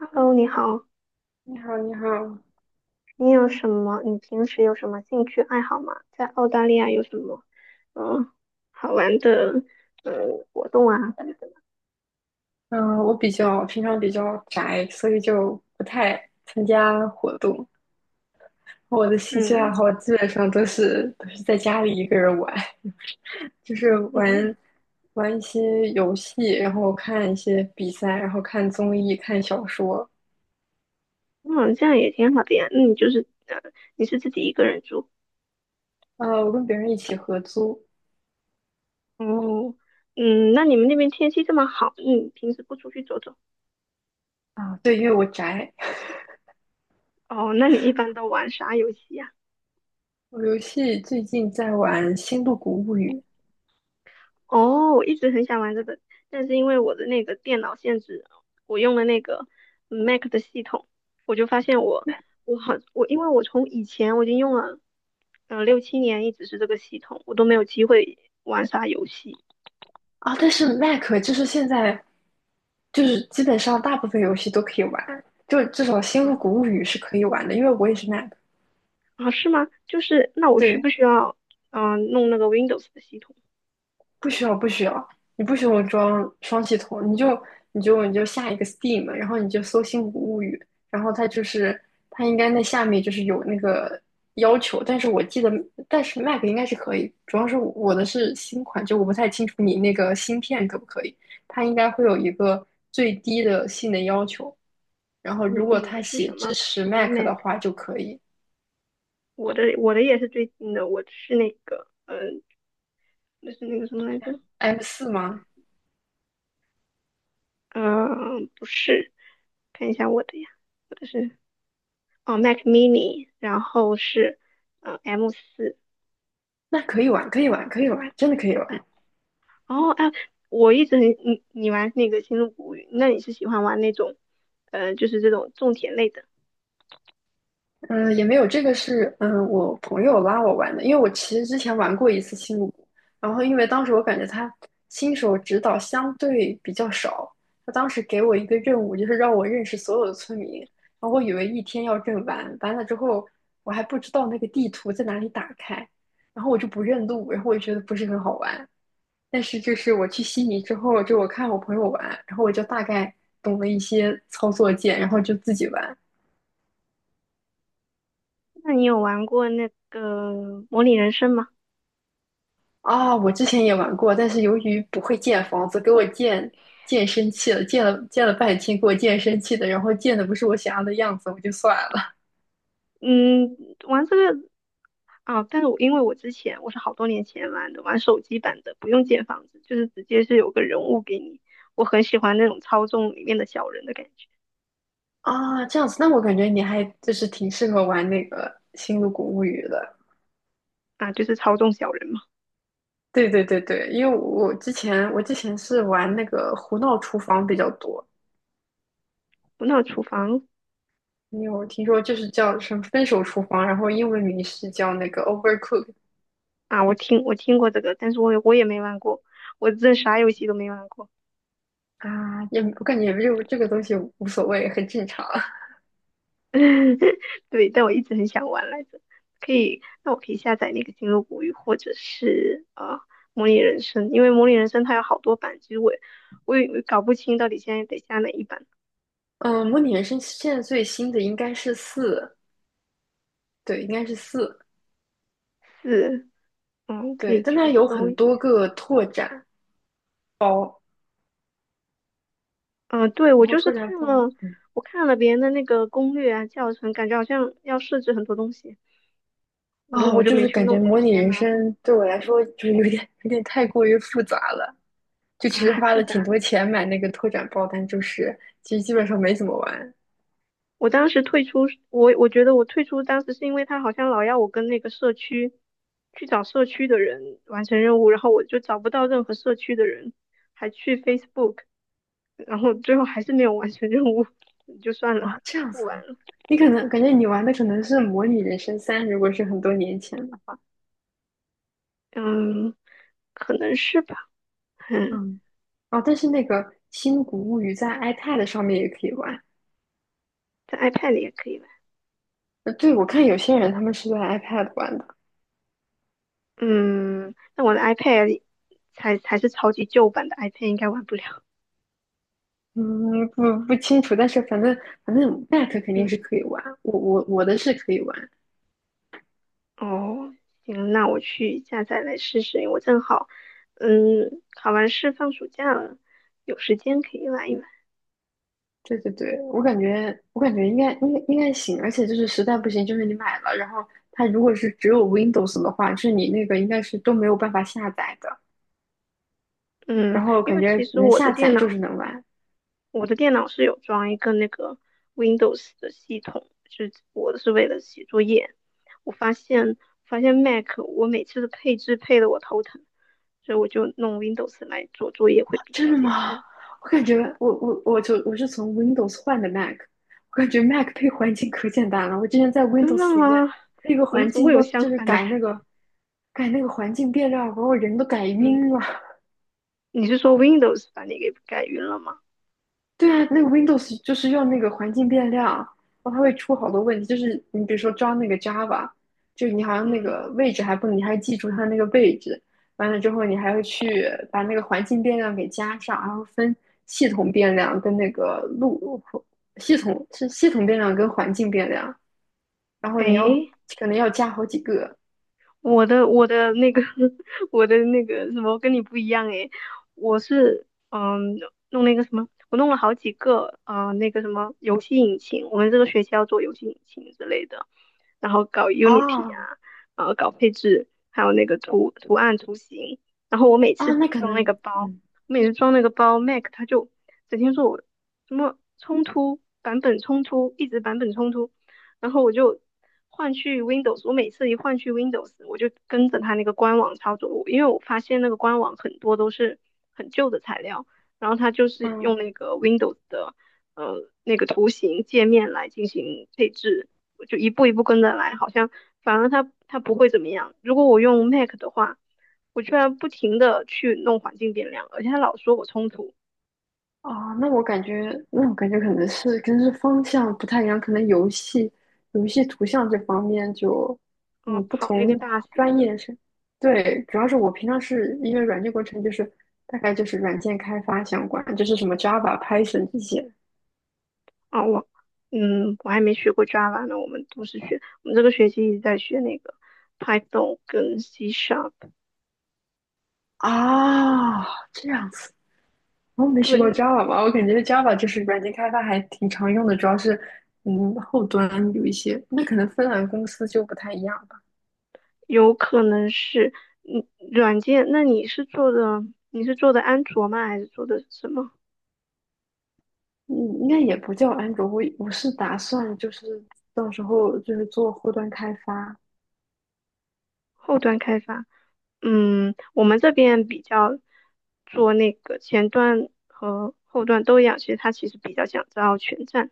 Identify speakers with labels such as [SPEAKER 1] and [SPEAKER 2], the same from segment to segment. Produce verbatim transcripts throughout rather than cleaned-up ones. [SPEAKER 1] Hello，你好，
[SPEAKER 2] 你好，你好，
[SPEAKER 1] 你有什么？你平时有什么兴趣爱好吗？在澳大利亚有什么嗯好玩的嗯活动啊？
[SPEAKER 2] 嗯，我比较平常比较宅，所以就不太参加活动。我的兴趣爱
[SPEAKER 1] 嗯
[SPEAKER 2] 好基本上都是都是在家里一个人玩，就是
[SPEAKER 1] 嗯，
[SPEAKER 2] 玩玩一些游戏，然后看一些比赛，然后看综艺、看小说。
[SPEAKER 1] 嗯，这样也挺好的呀。那你就是呃，你是自己一个人住？
[SPEAKER 2] 呃，我跟别人一起合租
[SPEAKER 1] 哦，嗯，那你们那边天气这么好，你平时不出去走走？
[SPEAKER 2] 啊，对，因为我宅。
[SPEAKER 1] 哦，那你一般都玩啥游戏呀？
[SPEAKER 2] 我游戏最近在玩《星露谷物语》，
[SPEAKER 1] 哦，我一直很想玩这个，但是因为我的那个电脑限制，我用了那个 Mac 的系统，我就发现我我好我因为我从以前我已经用了呃六七年，一直是这个系统，我都没有机会玩啥游戏。
[SPEAKER 2] 啊，但是 Mac 就是现在就是基本上大部分游戏都可以玩，就至少《星
[SPEAKER 1] 嗯，
[SPEAKER 2] 露谷物语》是可以玩的，因为我也是 Mac。
[SPEAKER 1] 啊是吗？就是那我需
[SPEAKER 2] 对，
[SPEAKER 1] 不需要嗯、呃弄那个 Windows 的系统？
[SPEAKER 2] 不需要不需要，你不需要装双系统，你就你就你就下一个 Steam，然后你就搜《星谷物语》，然后它就是它应该那下面就是有那个要求，但是我记得，但是 Mac 应该是可以，主要是我的是新款，就我不太清楚你那个芯片可不可以，它应该会有一个最低的性能要求。然后
[SPEAKER 1] 你
[SPEAKER 2] 如果
[SPEAKER 1] 你的
[SPEAKER 2] 他
[SPEAKER 1] 是
[SPEAKER 2] 写
[SPEAKER 1] 什
[SPEAKER 2] 支
[SPEAKER 1] 么
[SPEAKER 2] 持
[SPEAKER 1] 什么
[SPEAKER 2] Mac 的
[SPEAKER 1] Mac？
[SPEAKER 2] 话就可以。
[SPEAKER 1] 我的我的也是最近的，我是那个嗯、呃，那是那个什么来着？
[SPEAKER 2] M 四吗？
[SPEAKER 1] 嗯，不是，看一下我的呀，我的是哦，Mac mini，然后是嗯 M 四。
[SPEAKER 2] 那可以玩，可以玩，可以玩，真的可以玩。
[SPEAKER 1] 哦，哎，我一直很你你玩那个《星露谷物语》，那你是喜欢玩那种，呃，就是这种种田类的？
[SPEAKER 2] 嗯，呃也没有，这个是嗯呃我朋友拉我玩的，因为我其实之前玩过一次星露谷，然后因为当时我感觉他新手指导相对比较少，他当时给我一个任务，就是让我认识所有的村民，然后我以为一天要认完，完了之后我还不知道那个地图在哪里打开，然后我就不认路，然后我就觉得不是很好玩，但是就是我去悉尼之后，就我看我朋友玩，然后我就大概懂了一些操作键，然后就自己玩。
[SPEAKER 1] 那你有玩过那个《模拟人生》吗？
[SPEAKER 2] 啊，我之前也玩过，但是由于不会建房子，给我建建生气了，建了建了半天，给我建生气的，然后建的不是我想要的样子，我就算了。
[SPEAKER 1] 嗯，玩这个啊，但是我因为我之前我是好多年前玩的，玩手机版的，不用建房子，就是直接是有个人物给你，我很喜欢那种操纵里面的小人的感觉。
[SPEAKER 2] 啊，这样子，那我感觉你还就是挺适合玩那个《星露谷物语》的。
[SPEAKER 1] 啊，就是操纵小人嘛。
[SPEAKER 2] 对对对对，因为我之前我之前是玩那个胡闹厨房比较多，
[SPEAKER 1] 不闹厨房
[SPEAKER 2] 你有听说就是叫什么“分手厨房”，然后英文名是叫那个 “Overcook”
[SPEAKER 1] 啊，我听我听过这个，但是我也我也没玩过，我真的啥游戏都没玩过。
[SPEAKER 2] 啊？也我感觉这个这个东西无所谓，很正常。
[SPEAKER 1] 对，但我一直很想玩来着。可以，那我可以下载那个《星露谷雨》或者是啊、呃模拟人生》，因为模拟人生它有好多版，其实我也我也搞不清到底现在得下哪一版。
[SPEAKER 2] 嗯，模拟人生现在最新的应该是四，对，应该是四，
[SPEAKER 1] 是，嗯，可
[SPEAKER 2] 对，
[SPEAKER 1] 以
[SPEAKER 2] 但它
[SPEAKER 1] 去
[SPEAKER 2] 有
[SPEAKER 1] 搜
[SPEAKER 2] 很
[SPEAKER 1] 一
[SPEAKER 2] 多个拓展，
[SPEAKER 1] 嗯，对，我
[SPEAKER 2] 然后
[SPEAKER 1] 就是
[SPEAKER 2] 拓展
[SPEAKER 1] 看
[SPEAKER 2] 包，
[SPEAKER 1] 了，
[SPEAKER 2] 嗯
[SPEAKER 1] 我看了别人的那个攻略啊、教程，感觉好像要设置很多东西，我就
[SPEAKER 2] 啊，
[SPEAKER 1] 我
[SPEAKER 2] 我
[SPEAKER 1] 就
[SPEAKER 2] 就
[SPEAKER 1] 没
[SPEAKER 2] 是
[SPEAKER 1] 去
[SPEAKER 2] 感
[SPEAKER 1] 弄，
[SPEAKER 2] 觉
[SPEAKER 1] 我就
[SPEAKER 2] 模拟
[SPEAKER 1] 嫌
[SPEAKER 2] 人
[SPEAKER 1] 麻烦。
[SPEAKER 2] 生对我来说就是有点有点太过于复杂了，就其
[SPEAKER 1] 啊，
[SPEAKER 2] 实
[SPEAKER 1] 还
[SPEAKER 2] 花
[SPEAKER 1] 复
[SPEAKER 2] 了
[SPEAKER 1] 杂。
[SPEAKER 2] 挺多钱买那个拓展包，但就是其实基本上没怎么玩。
[SPEAKER 1] 我当时退出，我我觉得我退出当时是因为他好像老要我跟那个社区去找社区的人完成任务，然后我就找不到任何社区的人，还去 Facebook，然后最后还是没有完成任务，就算了，
[SPEAKER 2] 啊，这样
[SPEAKER 1] 不
[SPEAKER 2] 子
[SPEAKER 1] 玩
[SPEAKER 2] 啊
[SPEAKER 1] 了。
[SPEAKER 2] 你可能感觉你玩的可能是《模拟人生三》，如果是很多年前的话，
[SPEAKER 1] 嗯，可能是吧。嗯，
[SPEAKER 2] 嗯，哦，但是那个《新古物语》在 iPad 上面也可以玩。
[SPEAKER 1] 在 iPad 里也可以玩。
[SPEAKER 2] 呃，对，我看有些人他们是在 iPad 玩的，
[SPEAKER 1] 嗯，但我的 iPad 里才才是超级旧版的 iPad，应该玩不了。
[SPEAKER 2] 嗯，不不清楚，但是反正反正 Mac 肯定
[SPEAKER 1] 嗯。
[SPEAKER 2] 是可以玩，我我我的是可以玩。
[SPEAKER 1] 哦，行，那我去下载来试试。我正好，嗯，考完试放暑假了，有时间可以玩一玩。
[SPEAKER 2] 对对对，我感觉我感觉应该应该应该行，而且就是实在不行，就是你买了，然后它如果是只有 Windows 的话，就是你那个应该是都没有办法下载的。
[SPEAKER 1] 嗯，
[SPEAKER 2] 然后
[SPEAKER 1] 因
[SPEAKER 2] 感
[SPEAKER 1] 为
[SPEAKER 2] 觉
[SPEAKER 1] 其实
[SPEAKER 2] 能
[SPEAKER 1] 我的
[SPEAKER 2] 下
[SPEAKER 1] 电
[SPEAKER 2] 载就是
[SPEAKER 1] 脑，
[SPEAKER 2] 能玩。
[SPEAKER 1] 我的电脑是有装一个那个 Windows 的系统，就是我是为了写作业。我发现发现 Mac 我每次的配置配得我头疼，所以我就弄 Windows 来做作业会比
[SPEAKER 2] 真
[SPEAKER 1] 较
[SPEAKER 2] 的
[SPEAKER 1] 简
[SPEAKER 2] 吗？
[SPEAKER 1] 单。
[SPEAKER 2] 我感觉我我我就我是从 Windows 换的 Mac，我感觉 Mac 配环境可简单了。我之前在
[SPEAKER 1] 真的
[SPEAKER 2] Windows 里面
[SPEAKER 1] 吗？
[SPEAKER 2] 配一个
[SPEAKER 1] 我们
[SPEAKER 2] 环
[SPEAKER 1] 怎么
[SPEAKER 2] 境
[SPEAKER 1] 会有
[SPEAKER 2] 要
[SPEAKER 1] 相
[SPEAKER 2] 就是
[SPEAKER 1] 反的
[SPEAKER 2] 改
[SPEAKER 1] 感
[SPEAKER 2] 那
[SPEAKER 1] 觉？
[SPEAKER 2] 个改那个环境变量，把我人都改
[SPEAKER 1] 嗯，
[SPEAKER 2] 晕了。
[SPEAKER 1] 你是说 Windows 把你给改晕了吗？
[SPEAKER 2] 对啊，那个 Windows 就是用那个环境变量，然后它会出好多问题。就是你比如说装那个 Java，就你好像那
[SPEAKER 1] 嗯，
[SPEAKER 2] 个位置还不能你还记住它那个位置，完了之后你还要去把那个环境变量给加上，然后分系统变量跟那个路系统是系统变量跟环境变量，然后你要
[SPEAKER 1] 诶，
[SPEAKER 2] 可能要加好几个
[SPEAKER 1] 我的我的那个 我的那个什么跟你不一样诶，我是嗯弄那个什么，我弄了好几个啊、呃那个什么游戏引擎，我们这个学期要做游戏引擎之类的，然后搞 Unity 啊，
[SPEAKER 2] 啊
[SPEAKER 1] 呃搞配置，还有那个图图案图形，然后我每
[SPEAKER 2] 啊，
[SPEAKER 1] 次
[SPEAKER 2] 那可
[SPEAKER 1] 装那个
[SPEAKER 2] 能
[SPEAKER 1] 包，
[SPEAKER 2] 嗯
[SPEAKER 1] 每次装那个包，Mac 它就整天说我什么冲突版本冲突，一直版本冲突。然后我就换去 Windows，我每次一换去 Windows，我就跟着它那个官网操作，因为我发现那个官网很多都是很旧的材料，然后它就是
[SPEAKER 2] 嗯
[SPEAKER 1] 用那个 Windows 的呃那个图形界面来进行配置，我就一步一步跟着来，好像反而它它不会怎么样。如果我用 Mac 的话，我居然不停的去弄环境变量，而且它老说我冲突
[SPEAKER 2] 啊，那我感觉，那我感觉可能是跟是方向不太一样，可能游戏游戏图像这方面就，
[SPEAKER 1] 啊、
[SPEAKER 2] 嗯，不
[SPEAKER 1] 跑那个
[SPEAKER 2] 同
[SPEAKER 1] 大型
[SPEAKER 2] 专
[SPEAKER 1] 的，
[SPEAKER 2] 业是，对，主要是我平常是因为软件工程，就是大概就是软件开发相关，就是什么 Java、Python 这些
[SPEAKER 1] 啊，我，嗯，我还没学过 Java 呢，我们都是学，我们这个学期一直在学那个 Python 跟 C Sharp。
[SPEAKER 2] 啊，这样子，我没学过
[SPEAKER 1] 对，
[SPEAKER 2] Java 吧，我感觉 Java 就是软件开发还挺常用的，主要是嗯后端有一些，那可能芬兰公司就不太一样。
[SPEAKER 1] 有可能是，嗯，软件。那你是做的，你是做的安卓吗？还是做的什么
[SPEAKER 2] 嗯，应该也不叫安卓，我我是打算就是到时候就是做后端开发。
[SPEAKER 1] 后端开发？嗯，我们这边比较做那个前端和后端都一样，其实它其实比较想招全站，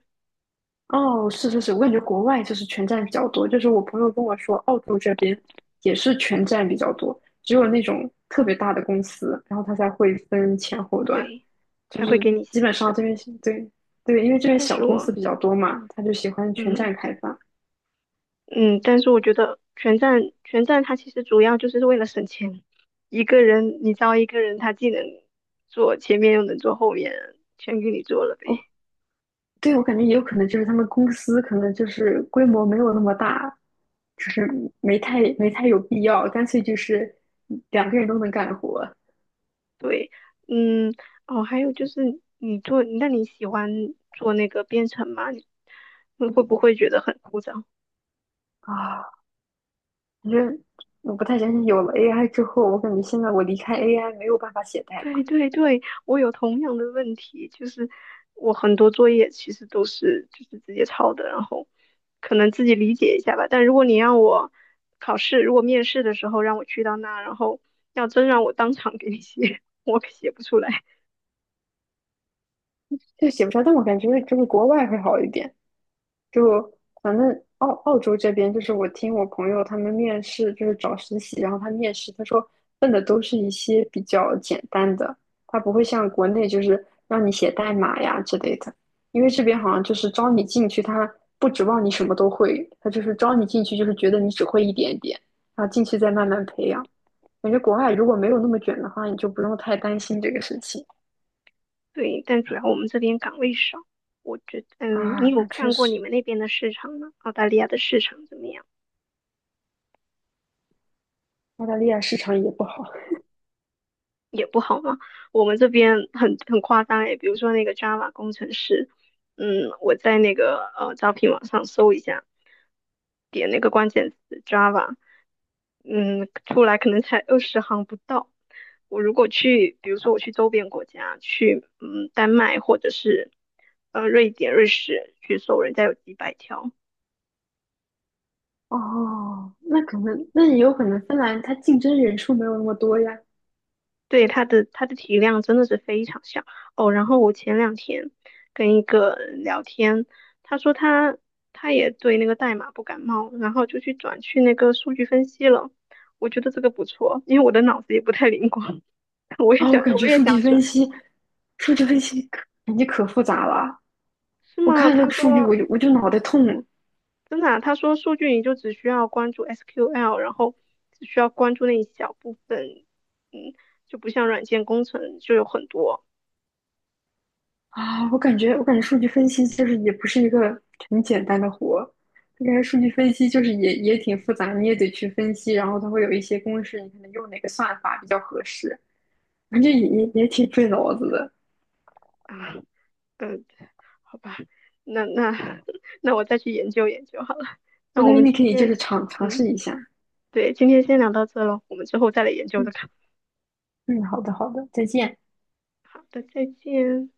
[SPEAKER 2] 哦，是是是，我感觉国外就是全站比较多，就是我朋友跟我说，澳洲这边也是全站比较多，只有那种特别大的公司，然后他才会分前后端，
[SPEAKER 1] 对，
[SPEAKER 2] 就
[SPEAKER 1] 才会
[SPEAKER 2] 是
[SPEAKER 1] 给你
[SPEAKER 2] 基本
[SPEAKER 1] 细
[SPEAKER 2] 上这
[SPEAKER 1] 分。
[SPEAKER 2] 边对对，因为这边
[SPEAKER 1] 但
[SPEAKER 2] 小
[SPEAKER 1] 是
[SPEAKER 2] 公司
[SPEAKER 1] 我，
[SPEAKER 2] 比较多嘛，他就喜欢全
[SPEAKER 1] 嗯。
[SPEAKER 2] 站开发。
[SPEAKER 1] 嗯，但是我觉得全站全站它其实主要就是为了省钱。一个人你招一个人，他既能做前面又能做后面，全给你做了呗。
[SPEAKER 2] 对，我感觉也有可能就是他们公司可能就是规模没有那么大，就是没太没太有必要，干脆就是两个人都能干活
[SPEAKER 1] 对，嗯，哦，还有就是你做，那你喜欢做那个编程吗？你会不会觉得很枯燥？
[SPEAKER 2] 啊。反正我不太相信有了 A I 之后，我感觉现在我离开 A I 没有办法写代
[SPEAKER 1] 对
[SPEAKER 2] 码，
[SPEAKER 1] 对对，我有同样的问题，就是我很多作业其实都是就是直接抄的，然后可能自己理解一下吧。但如果你让我考试，如果面试的时候让我去到那，然后要真让我当场给你写，我可写不出来。
[SPEAKER 2] 就写不出来。但我感觉这个国外会好一点，就反正澳澳洲这边，就是我听我朋友他们面试，就是找实习，然后他面试，他说问的都是一些比较简单的，他不会像国内就是让你写代码呀之类的，因为这边好像就是招你进去，他不指望你什么都会，他就是招你进去就是觉得你只会一点点，然后进去再慢慢培养。感觉国外如果没有那么卷的话，你就不用太担心这个事情
[SPEAKER 1] 对，但主要我们这边岗位少，我觉得，嗯，
[SPEAKER 2] 啊。
[SPEAKER 1] 你有
[SPEAKER 2] 那确
[SPEAKER 1] 看过
[SPEAKER 2] 实，
[SPEAKER 1] 你们那边的市场吗？澳大利亚的市场怎么样？
[SPEAKER 2] 澳大利亚市场也不好。
[SPEAKER 1] 也不好嘛。我们这边很很夸张诶，比如说那个 Java 工程师，嗯，我在那个呃招聘网上搜一下，点那个关键词 Java，嗯，出来可能才二十行不到。我如果去，比如说我去周边国家，去嗯丹麦或者是呃瑞典、瑞士去搜，人家有几百条。
[SPEAKER 2] 哦，那可能，那也有可能芬兰它竞争人数没有那么多呀。
[SPEAKER 1] 对，它的它的体量真的是非常小哦。然后我前两天跟一个聊天，他说他他也对那个代码不感冒，然后就去转去那个数据分析了。我觉得这个不错，因为我的脑子也不太灵光，我也
[SPEAKER 2] 啊、我
[SPEAKER 1] 想
[SPEAKER 2] 感
[SPEAKER 1] 我
[SPEAKER 2] 觉
[SPEAKER 1] 也
[SPEAKER 2] 数据
[SPEAKER 1] 想转，
[SPEAKER 2] 分析，数据分析可感觉可复杂了。
[SPEAKER 1] 是
[SPEAKER 2] 我
[SPEAKER 1] 吗？
[SPEAKER 2] 看那
[SPEAKER 1] 他
[SPEAKER 2] 个数据，
[SPEAKER 1] 说
[SPEAKER 2] 我就我就脑袋痛
[SPEAKER 1] 真的啊？他说数据你就只需要关注 S Q L，然后只需要关注那一小部分，嗯，就不像软件工程就有很多
[SPEAKER 2] 啊！我感觉，我感觉数据分析就是也不是一个很简单的活。我感觉数据分析就是也也挺复杂，你也得去分析，然后它会有一些公式，你可能用哪个算法比较合适，反正也也也挺费脑子的。
[SPEAKER 1] 啊，嗯，好吧，那那 那我再去研究研究好了。
[SPEAKER 2] 我
[SPEAKER 1] 那我
[SPEAKER 2] 感觉
[SPEAKER 1] 们
[SPEAKER 2] 你
[SPEAKER 1] 今
[SPEAKER 2] 可以就
[SPEAKER 1] 天，
[SPEAKER 2] 是尝尝试
[SPEAKER 1] 嗯，
[SPEAKER 2] 一下。
[SPEAKER 1] 对，今天先聊到这了，我们之后再来研究这
[SPEAKER 2] 嗯
[SPEAKER 1] 个。
[SPEAKER 2] 嗯，好的好的，再见。
[SPEAKER 1] 好的，再见。